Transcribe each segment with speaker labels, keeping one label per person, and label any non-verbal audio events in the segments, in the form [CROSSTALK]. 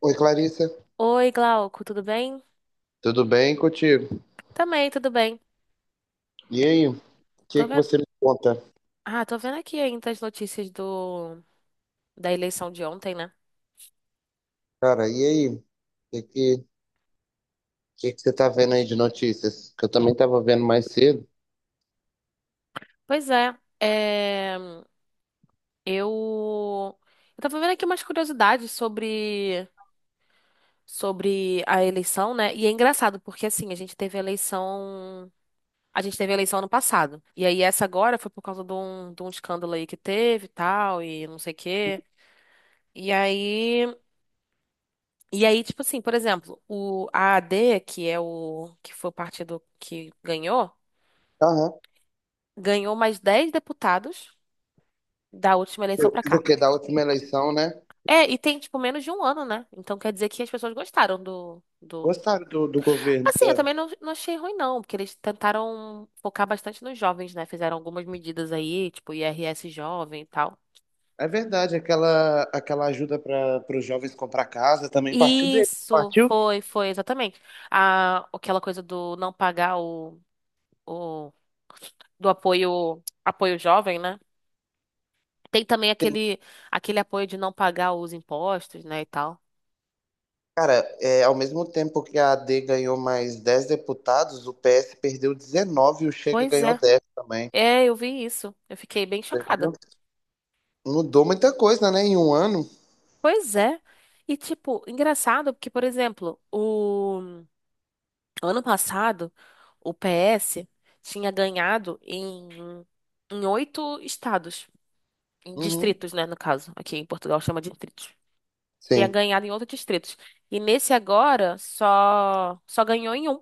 Speaker 1: Oi, Clarissa.
Speaker 2: Oi, Glauco, tudo bem?
Speaker 1: Tudo bem contigo?
Speaker 2: Também, tudo bem.
Speaker 1: E aí, o que
Speaker 2: Tô
Speaker 1: que
Speaker 2: vendo...
Speaker 1: você me conta?
Speaker 2: tô vendo aqui ainda as notícias da eleição de ontem, né?
Speaker 1: Cara, e aí? O que que você tá vendo aí de notícias? Que eu também tava vendo mais cedo.
Speaker 2: Pois é, é... Eu... eu tava vendo aqui umas curiosidades sobre a eleição, né? E é engraçado, porque assim, a gente teve eleição ano passado. E aí essa agora foi por causa de um escândalo aí que teve e tal, e não sei o quê. E aí... E aí, tipo assim, por exemplo, o AAD, que é o que foi o partido que ganhou,
Speaker 1: Aham.
Speaker 2: ganhou mais 10 deputados da última eleição pra
Speaker 1: Do
Speaker 2: cá.
Speaker 1: que da última eleição, né?
Speaker 2: É, e tem, tipo, menos de um ano, né? Então quer dizer que as pessoas gostaram do.
Speaker 1: Gostaram do governo,
Speaker 2: Assim, eu
Speaker 1: tá?
Speaker 2: também não achei ruim, não, porque eles tentaram focar bastante nos jovens, né? Fizeram algumas medidas aí, tipo IRS jovem e tal.
Speaker 1: É verdade, aquela ajuda para os jovens comprar casa também partiu dele.
Speaker 2: Isso,
Speaker 1: Partiu?
Speaker 2: foi, exatamente. Aquela coisa do não pagar o do apoio jovem, né? Tem também aquele apoio de não pagar os impostos, né, e tal.
Speaker 1: Cara, é, ao mesmo tempo que a AD ganhou mais 10 deputados, o PS perdeu 19 e o Chega
Speaker 2: Pois
Speaker 1: ganhou
Speaker 2: é.
Speaker 1: 10 também.
Speaker 2: É, eu vi isso. Eu fiquei bem
Speaker 1: Você
Speaker 2: chocada.
Speaker 1: viu? Mudou muita coisa, né? Em um ano.
Speaker 2: Pois é. E, tipo, engraçado, porque, por exemplo, o ano passado, o PS tinha ganhado em 8 estados, em
Speaker 1: Uhum.
Speaker 2: distritos, né, no caso. Aqui em Portugal chama de distritos. Tinha
Speaker 1: Sim.
Speaker 2: ganhado em outros distritos. E nesse agora, só ganhou em um.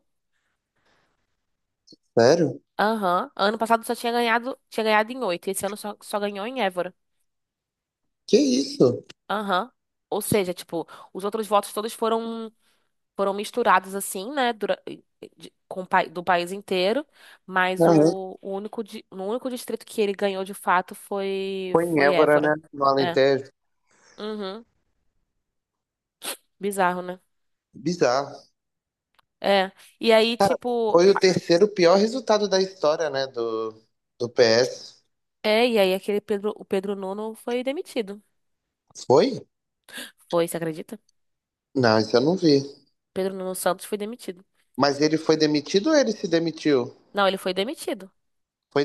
Speaker 1: Sério?
Speaker 2: Aham. Ano passado só tinha ganhado em 8. Esse ano só ganhou em Évora.
Speaker 1: Que isso?
Speaker 2: Aham. Ou seja, tipo, os outros votos todos foram foram misturados assim, né, do país inteiro, mas
Speaker 1: Aham.
Speaker 2: no único distrito que ele ganhou de fato foi
Speaker 1: Foi em
Speaker 2: foi
Speaker 1: Évora, né?
Speaker 2: Évora.
Speaker 1: No
Speaker 2: É.
Speaker 1: Alentejo.
Speaker 2: Uhum. Bizarro, né?
Speaker 1: Bizarro.
Speaker 2: É. E aí, tipo,
Speaker 1: Foi o terceiro pior resultado da história, né? Do, do PS.
Speaker 2: é, e aí aquele Pedro, o Pedro Nuno foi demitido.
Speaker 1: Foi?
Speaker 2: Foi, você acredita?
Speaker 1: Não, isso eu não vi.
Speaker 2: Pedro Nuno Santos foi demitido.
Speaker 1: Mas ele foi demitido ou ele se demitiu?
Speaker 2: Não, ele foi demitido.
Speaker 1: Foi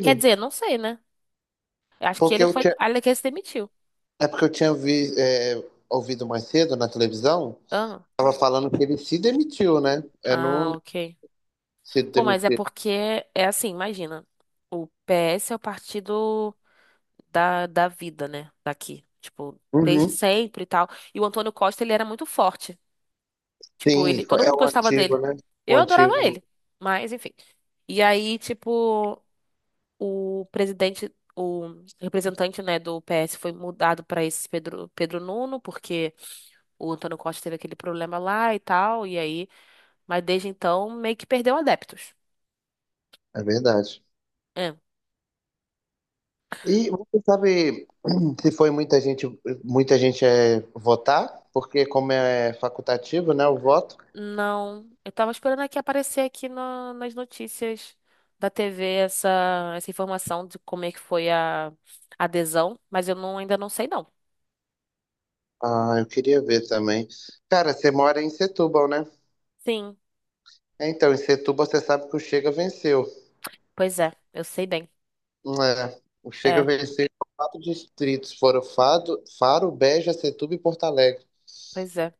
Speaker 2: Quer dizer, não sei, né? Eu acho que
Speaker 1: Porque
Speaker 2: ele
Speaker 1: eu
Speaker 2: foi,
Speaker 1: tinha,
Speaker 2: olha que ele se demitiu.
Speaker 1: é porque eu tinha ouvido mais cedo na televisão,
Speaker 2: Ah,
Speaker 1: tava falando que ele se demitiu, né? É, não
Speaker 2: ok.
Speaker 1: se
Speaker 2: Pô, mas é
Speaker 1: demitiu.
Speaker 2: porque é assim, imagina. O PS é o partido da vida, né? Daqui. Tipo, desde
Speaker 1: Uhum.
Speaker 2: sempre e tal. E o Antônio Costa, ele era muito forte. Tipo,
Speaker 1: Sim,
Speaker 2: ele,
Speaker 1: foi-
Speaker 2: todo
Speaker 1: é
Speaker 2: mundo
Speaker 1: o
Speaker 2: gostava
Speaker 1: antigo,
Speaker 2: dele.
Speaker 1: né? O
Speaker 2: Eu adorava
Speaker 1: antigo.
Speaker 2: ele. Mas, enfim. E aí, tipo, o presidente, o representante, né, do PS foi mudado pra esse Pedro Nuno, porque o Antônio Costa teve aquele problema lá e tal. E aí, mas desde então, meio que perdeu adeptos.
Speaker 1: É verdade.
Speaker 2: É.
Speaker 1: E você sabe [CLEARS THROAT] se foi muita gente é votar? Porque como é facultativo, né, o voto.
Speaker 2: Não, eu tava esperando aqui aparecer aqui nas notícias da TV essa informação de como é que foi a adesão, mas eu não, ainda não sei não.
Speaker 1: Ah, eu queria ver também. Cara, você mora em Setúbal, né?
Speaker 2: Sim,
Speaker 1: É, então, em Setúbal você sabe que o Chega venceu.
Speaker 2: pois é, eu sei bem.
Speaker 1: É, o Chega
Speaker 2: É,
Speaker 1: venceu em quatro distritos, foram Fado, Faro, Beja, Setúbal e Porto Alegre.
Speaker 2: pois é.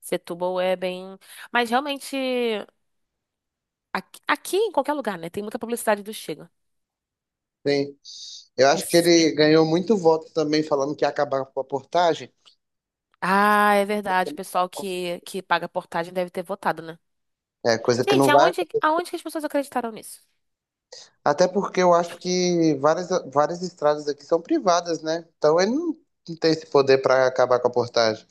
Speaker 2: Setúbal é bem. Mas realmente, aqui em qualquer lugar, né? Tem muita publicidade do Chega.
Speaker 1: Sim. Eu acho que
Speaker 2: Esse-
Speaker 1: ele ganhou muito voto também falando que ia acabar com a portagem.
Speaker 2: Ah, é verdade. O pessoal que paga portagem deve ter votado, né?
Speaker 1: É coisa que
Speaker 2: Gente,
Speaker 1: não vai.
Speaker 2: aonde que as pessoas acreditaram nisso?
Speaker 1: Até porque eu acho que várias, várias estradas aqui são privadas, né? Então ele não tem esse poder para acabar com a portagem.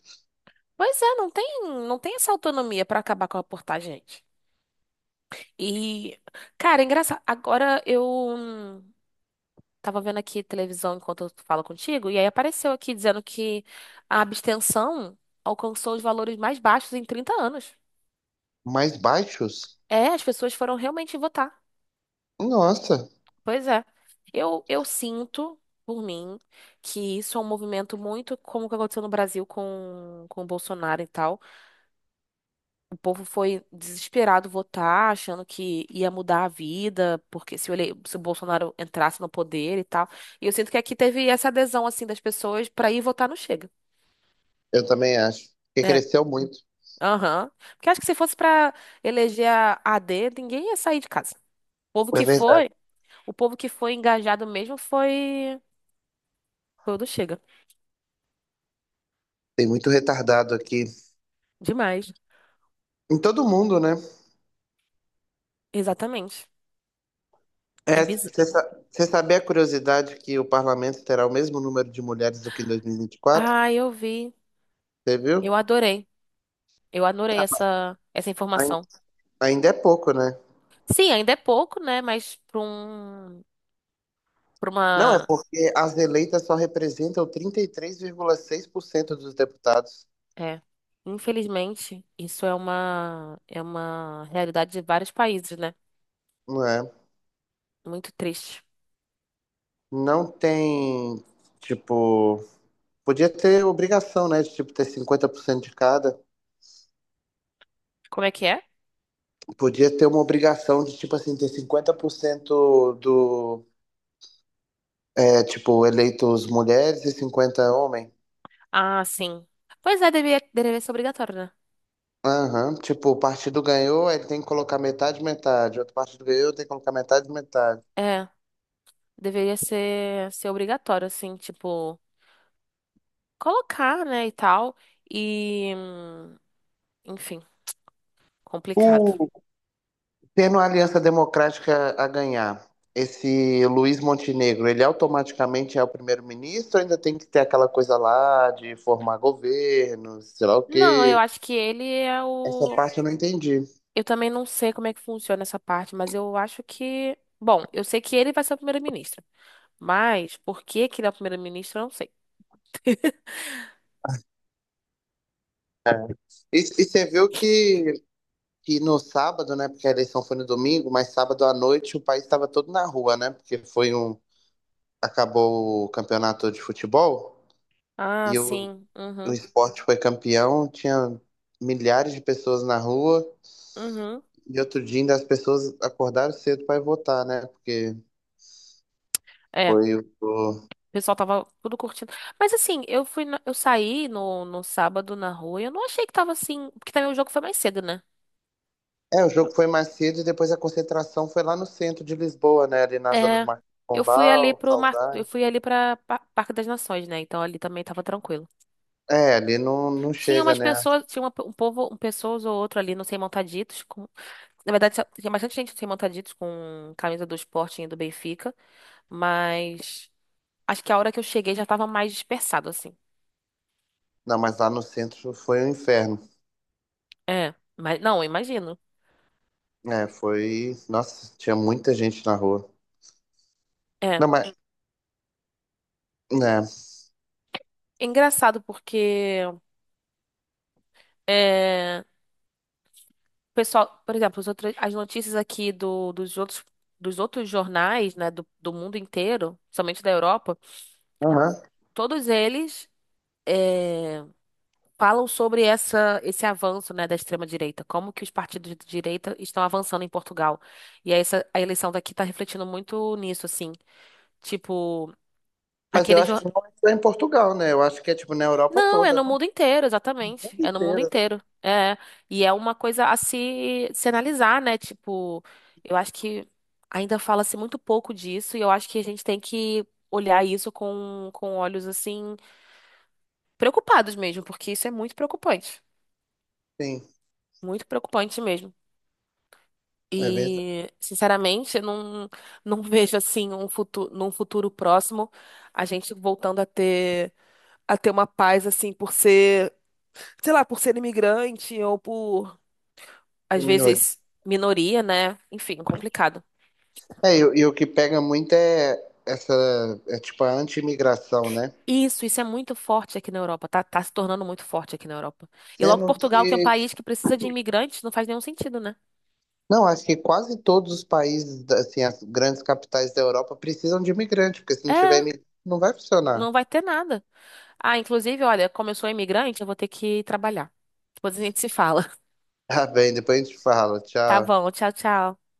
Speaker 2: Pois é, não tem essa autonomia pra acabar com a portagem, gente. E, cara, é engraçado. Agora eu tava vendo aqui televisão enquanto eu falo contigo, e aí apareceu aqui dizendo que a abstenção alcançou os valores mais baixos em 30 anos.
Speaker 1: Mas baixos?
Speaker 2: É, as pessoas foram realmente votar.
Speaker 1: Nossa,
Speaker 2: Pois é. Eu sinto, por mim, que isso é um movimento muito como o que aconteceu no Brasil com o Bolsonaro e tal. O povo foi desesperado votar, achando que ia mudar a vida, porque se o Bolsonaro entrasse no poder e tal. E eu sinto que aqui teve essa adesão, assim, das pessoas pra ir votar no Chega.
Speaker 1: eu também acho. Porque
Speaker 2: É,
Speaker 1: cresceu muito.
Speaker 2: aham. Porque acho que se fosse pra eleger a AD, ninguém ia sair de casa. O povo
Speaker 1: É
Speaker 2: que
Speaker 1: verdade.
Speaker 2: foi, o povo que foi engajado mesmo foi o do Chega.
Speaker 1: Tem muito retardado aqui.
Speaker 2: Demais.
Speaker 1: Em todo mundo, né?
Speaker 2: Exatamente. É
Speaker 1: É,
Speaker 2: bizarro.
Speaker 1: você sabia a curiosidade que o parlamento terá o mesmo número de mulheres do que em 2024?
Speaker 2: Ah, eu vi.
Speaker 1: Você viu?
Speaker 2: Eu adorei. Eu adorei
Speaker 1: Ah,
Speaker 2: essa
Speaker 1: ain-
Speaker 2: informação.
Speaker 1: Ainda é pouco, né?
Speaker 2: Sim, ainda é pouco, né? Mas para um Pra
Speaker 1: Não, é
Speaker 2: uma.
Speaker 1: porque as eleitas só representam 33,6% dos deputados.
Speaker 2: É. Infelizmente, isso é uma realidade de vários países, né?
Speaker 1: Não é?
Speaker 2: Muito triste.
Speaker 1: Não tem, tipo, podia ter obrigação, né, de tipo ter 50% de cada.
Speaker 2: Como é que é?
Speaker 1: Podia ter uma obrigação de tipo assim ter 50% do é, tipo eleitos mulheres e 50 homens.
Speaker 2: Ah, sim. Pois é, deveria ser obrigatório, né?
Speaker 1: Aham, tipo, o partido ganhou, aí ele tem que colocar metade, metade. Outro partido ganhou, tem que colocar metade, metade.
Speaker 2: É, deveria ser obrigatório, assim, tipo, colocar, né, e tal. E, enfim, complicado.
Speaker 1: Tendo a Aliança Democrática a ganhar, esse Luiz Montenegro, ele automaticamente é o primeiro-ministro, ainda tem que ter aquela coisa lá de formar governo, sei lá o
Speaker 2: Não, eu
Speaker 1: quê.
Speaker 2: acho que ele é
Speaker 1: Essa
Speaker 2: o.
Speaker 1: parte eu não entendi.
Speaker 2: Eu também não sei como é que funciona essa parte, mas eu acho que. Bom, eu sei que ele vai ser o primeiro-ministro. Mas por que que ele é o primeiro-ministro, eu não sei.
Speaker 1: É. E, e você viu que no sábado, né? Porque a eleição foi no domingo, mas sábado à noite o país estava todo na rua, né? Porque foi um. Acabou o campeonato de futebol
Speaker 2: Ah,
Speaker 1: e o,
Speaker 2: sim.
Speaker 1: o
Speaker 2: Uhum.
Speaker 1: esporte foi campeão, tinha milhares de pessoas na rua.
Speaker 2: Uhum.
Speaker 1: E outro dia ainda as pessoas acordaram cedo para votar, né? Porque
Speaker 2: É. O
Speaker 1: foi o. o-
Speaker 2: pessoal tava tudo curtindo. Mas assim, eu saí no sábado na rua e eu não achei que tava assim. Porque também o jogo foi mais cedo, né?
Speaker 1: É, o jogo foi mais cedo e depois a concentração foi lá no centro de Lisboa, né? Ali na zona do
Speaker 2: É.
Speaker 1: Marquês de
Speaker 2: Eu fui ali
Speaker 1: Pombal,
Speaker 2: pro mar... eu
Speaker 1: Saudade.
Speaker 2: fui ali para Parque das Nações, né? Então ali também tava tranquilo.
Speaker 1: É, ali não, não
Speaker 2: Tinha
Speaker 1: chega,
Speaker 2: umas
Speaker 1: né?
Speaker 2: pessoas, tinha um povo, um pessoas ou outro ali, não sei, montaditos Na verdade, tinha bastante gente no sem montaditos com camisa do Sporting e do Benfica, mas acho que a hora que eu cheguei já tava mais dispersado, assim.
Speaker 1: Não, mas lá no centro foi um inferno.
Speaker 2: É, mas não, eu imagino.
Speaker 1: É, foi. Nossa, tinha muita gente na rua.
Speaker 2: É.
Speaker 1: Não, mas. Né?
Speaker 2: É engraçado porque é, o pessoal, por exemplo, as notícias aqui dos outros jornais, né, do mundo inteiro, somente da Europa,
Speaker 1: Aham.
Speaker 2: todos eles é, falam sobre esse avanço, né, da extrema-direita, como que os partidos de direita estão avançando em Portugal. E aí essa, a eleição daqui está refletindo muito nisso, assim. Tipo,
Speaker 1: Mas eu
Speaker 2: aquele,
Speaker 1: acho que não é só em Portugal, né? Eu acho que é tipo na Europa
Speaker 2: não, é
Speaker 1: toda,
Speaker 2: no
Speaker 1: no
Speaker 2: mundo inteiro,
Speaker 1: mundo
Speaker 2: exatamente. É no mundo
Speaker 1: inteiro, né?
Speaker 2: inteiro. É. E é uma coisa a se analisar, né? Tipo, eu acho que ainda fala-se muito pouco disso e eu acho que a gente tem que olhar isso com olhos, assim, preocupados mesmo, porque isso é muito preocupante.
Speaker 1: Sim,
Speaker 2: Muito preocupante mesmo.
Speaker 1: é verdade.
Speaker 2: E, sinceramente, eu não [LAUGHS] vejo, assim, um futuro, num futuro próximo, a gente voltando a ter uma paz, assim, por ser sei lá, por ser imigrante ou por às
Speaker 1: Terminou.
Speaker 2: vezes minoria, né? Enfim, complicado.
Speaker 1: É, e, e o que pega muito é essa, é tipo a anti-imigração, né?
Speaker 2: Isso é muito forte aqui na Europa, tá se tornando muito forte aqui na Europa. E logo
Speaker 1: Sendo
Speaker 2: Portugal, que é um
Speaker 1: que,
Speaker 2: país que precisa de imigrantes, não faz nenhum sentido, né?
Speaker 1: não, acho que quase todos os países, assim, as grandes capitais da Europa precisam de imigrante, porque se não tiver
Speaker 2: É,
Speaker 1: imigrante, não vai funcionar.
Speaker 2: não
Speaker 1: [LAUGHS]
Speaker 2: vai ter nada. Ah, inclusive, olha, como eu sou imigrante, eu vou ter que trabalhar. Depois a gente se fala. [LAUGHS]
Speaker 1: Tá bem, depois a gente fala.
Speaker 2: Tá
Speaker 1: Tchau.
Speaker 2: bom, tchau, tchau.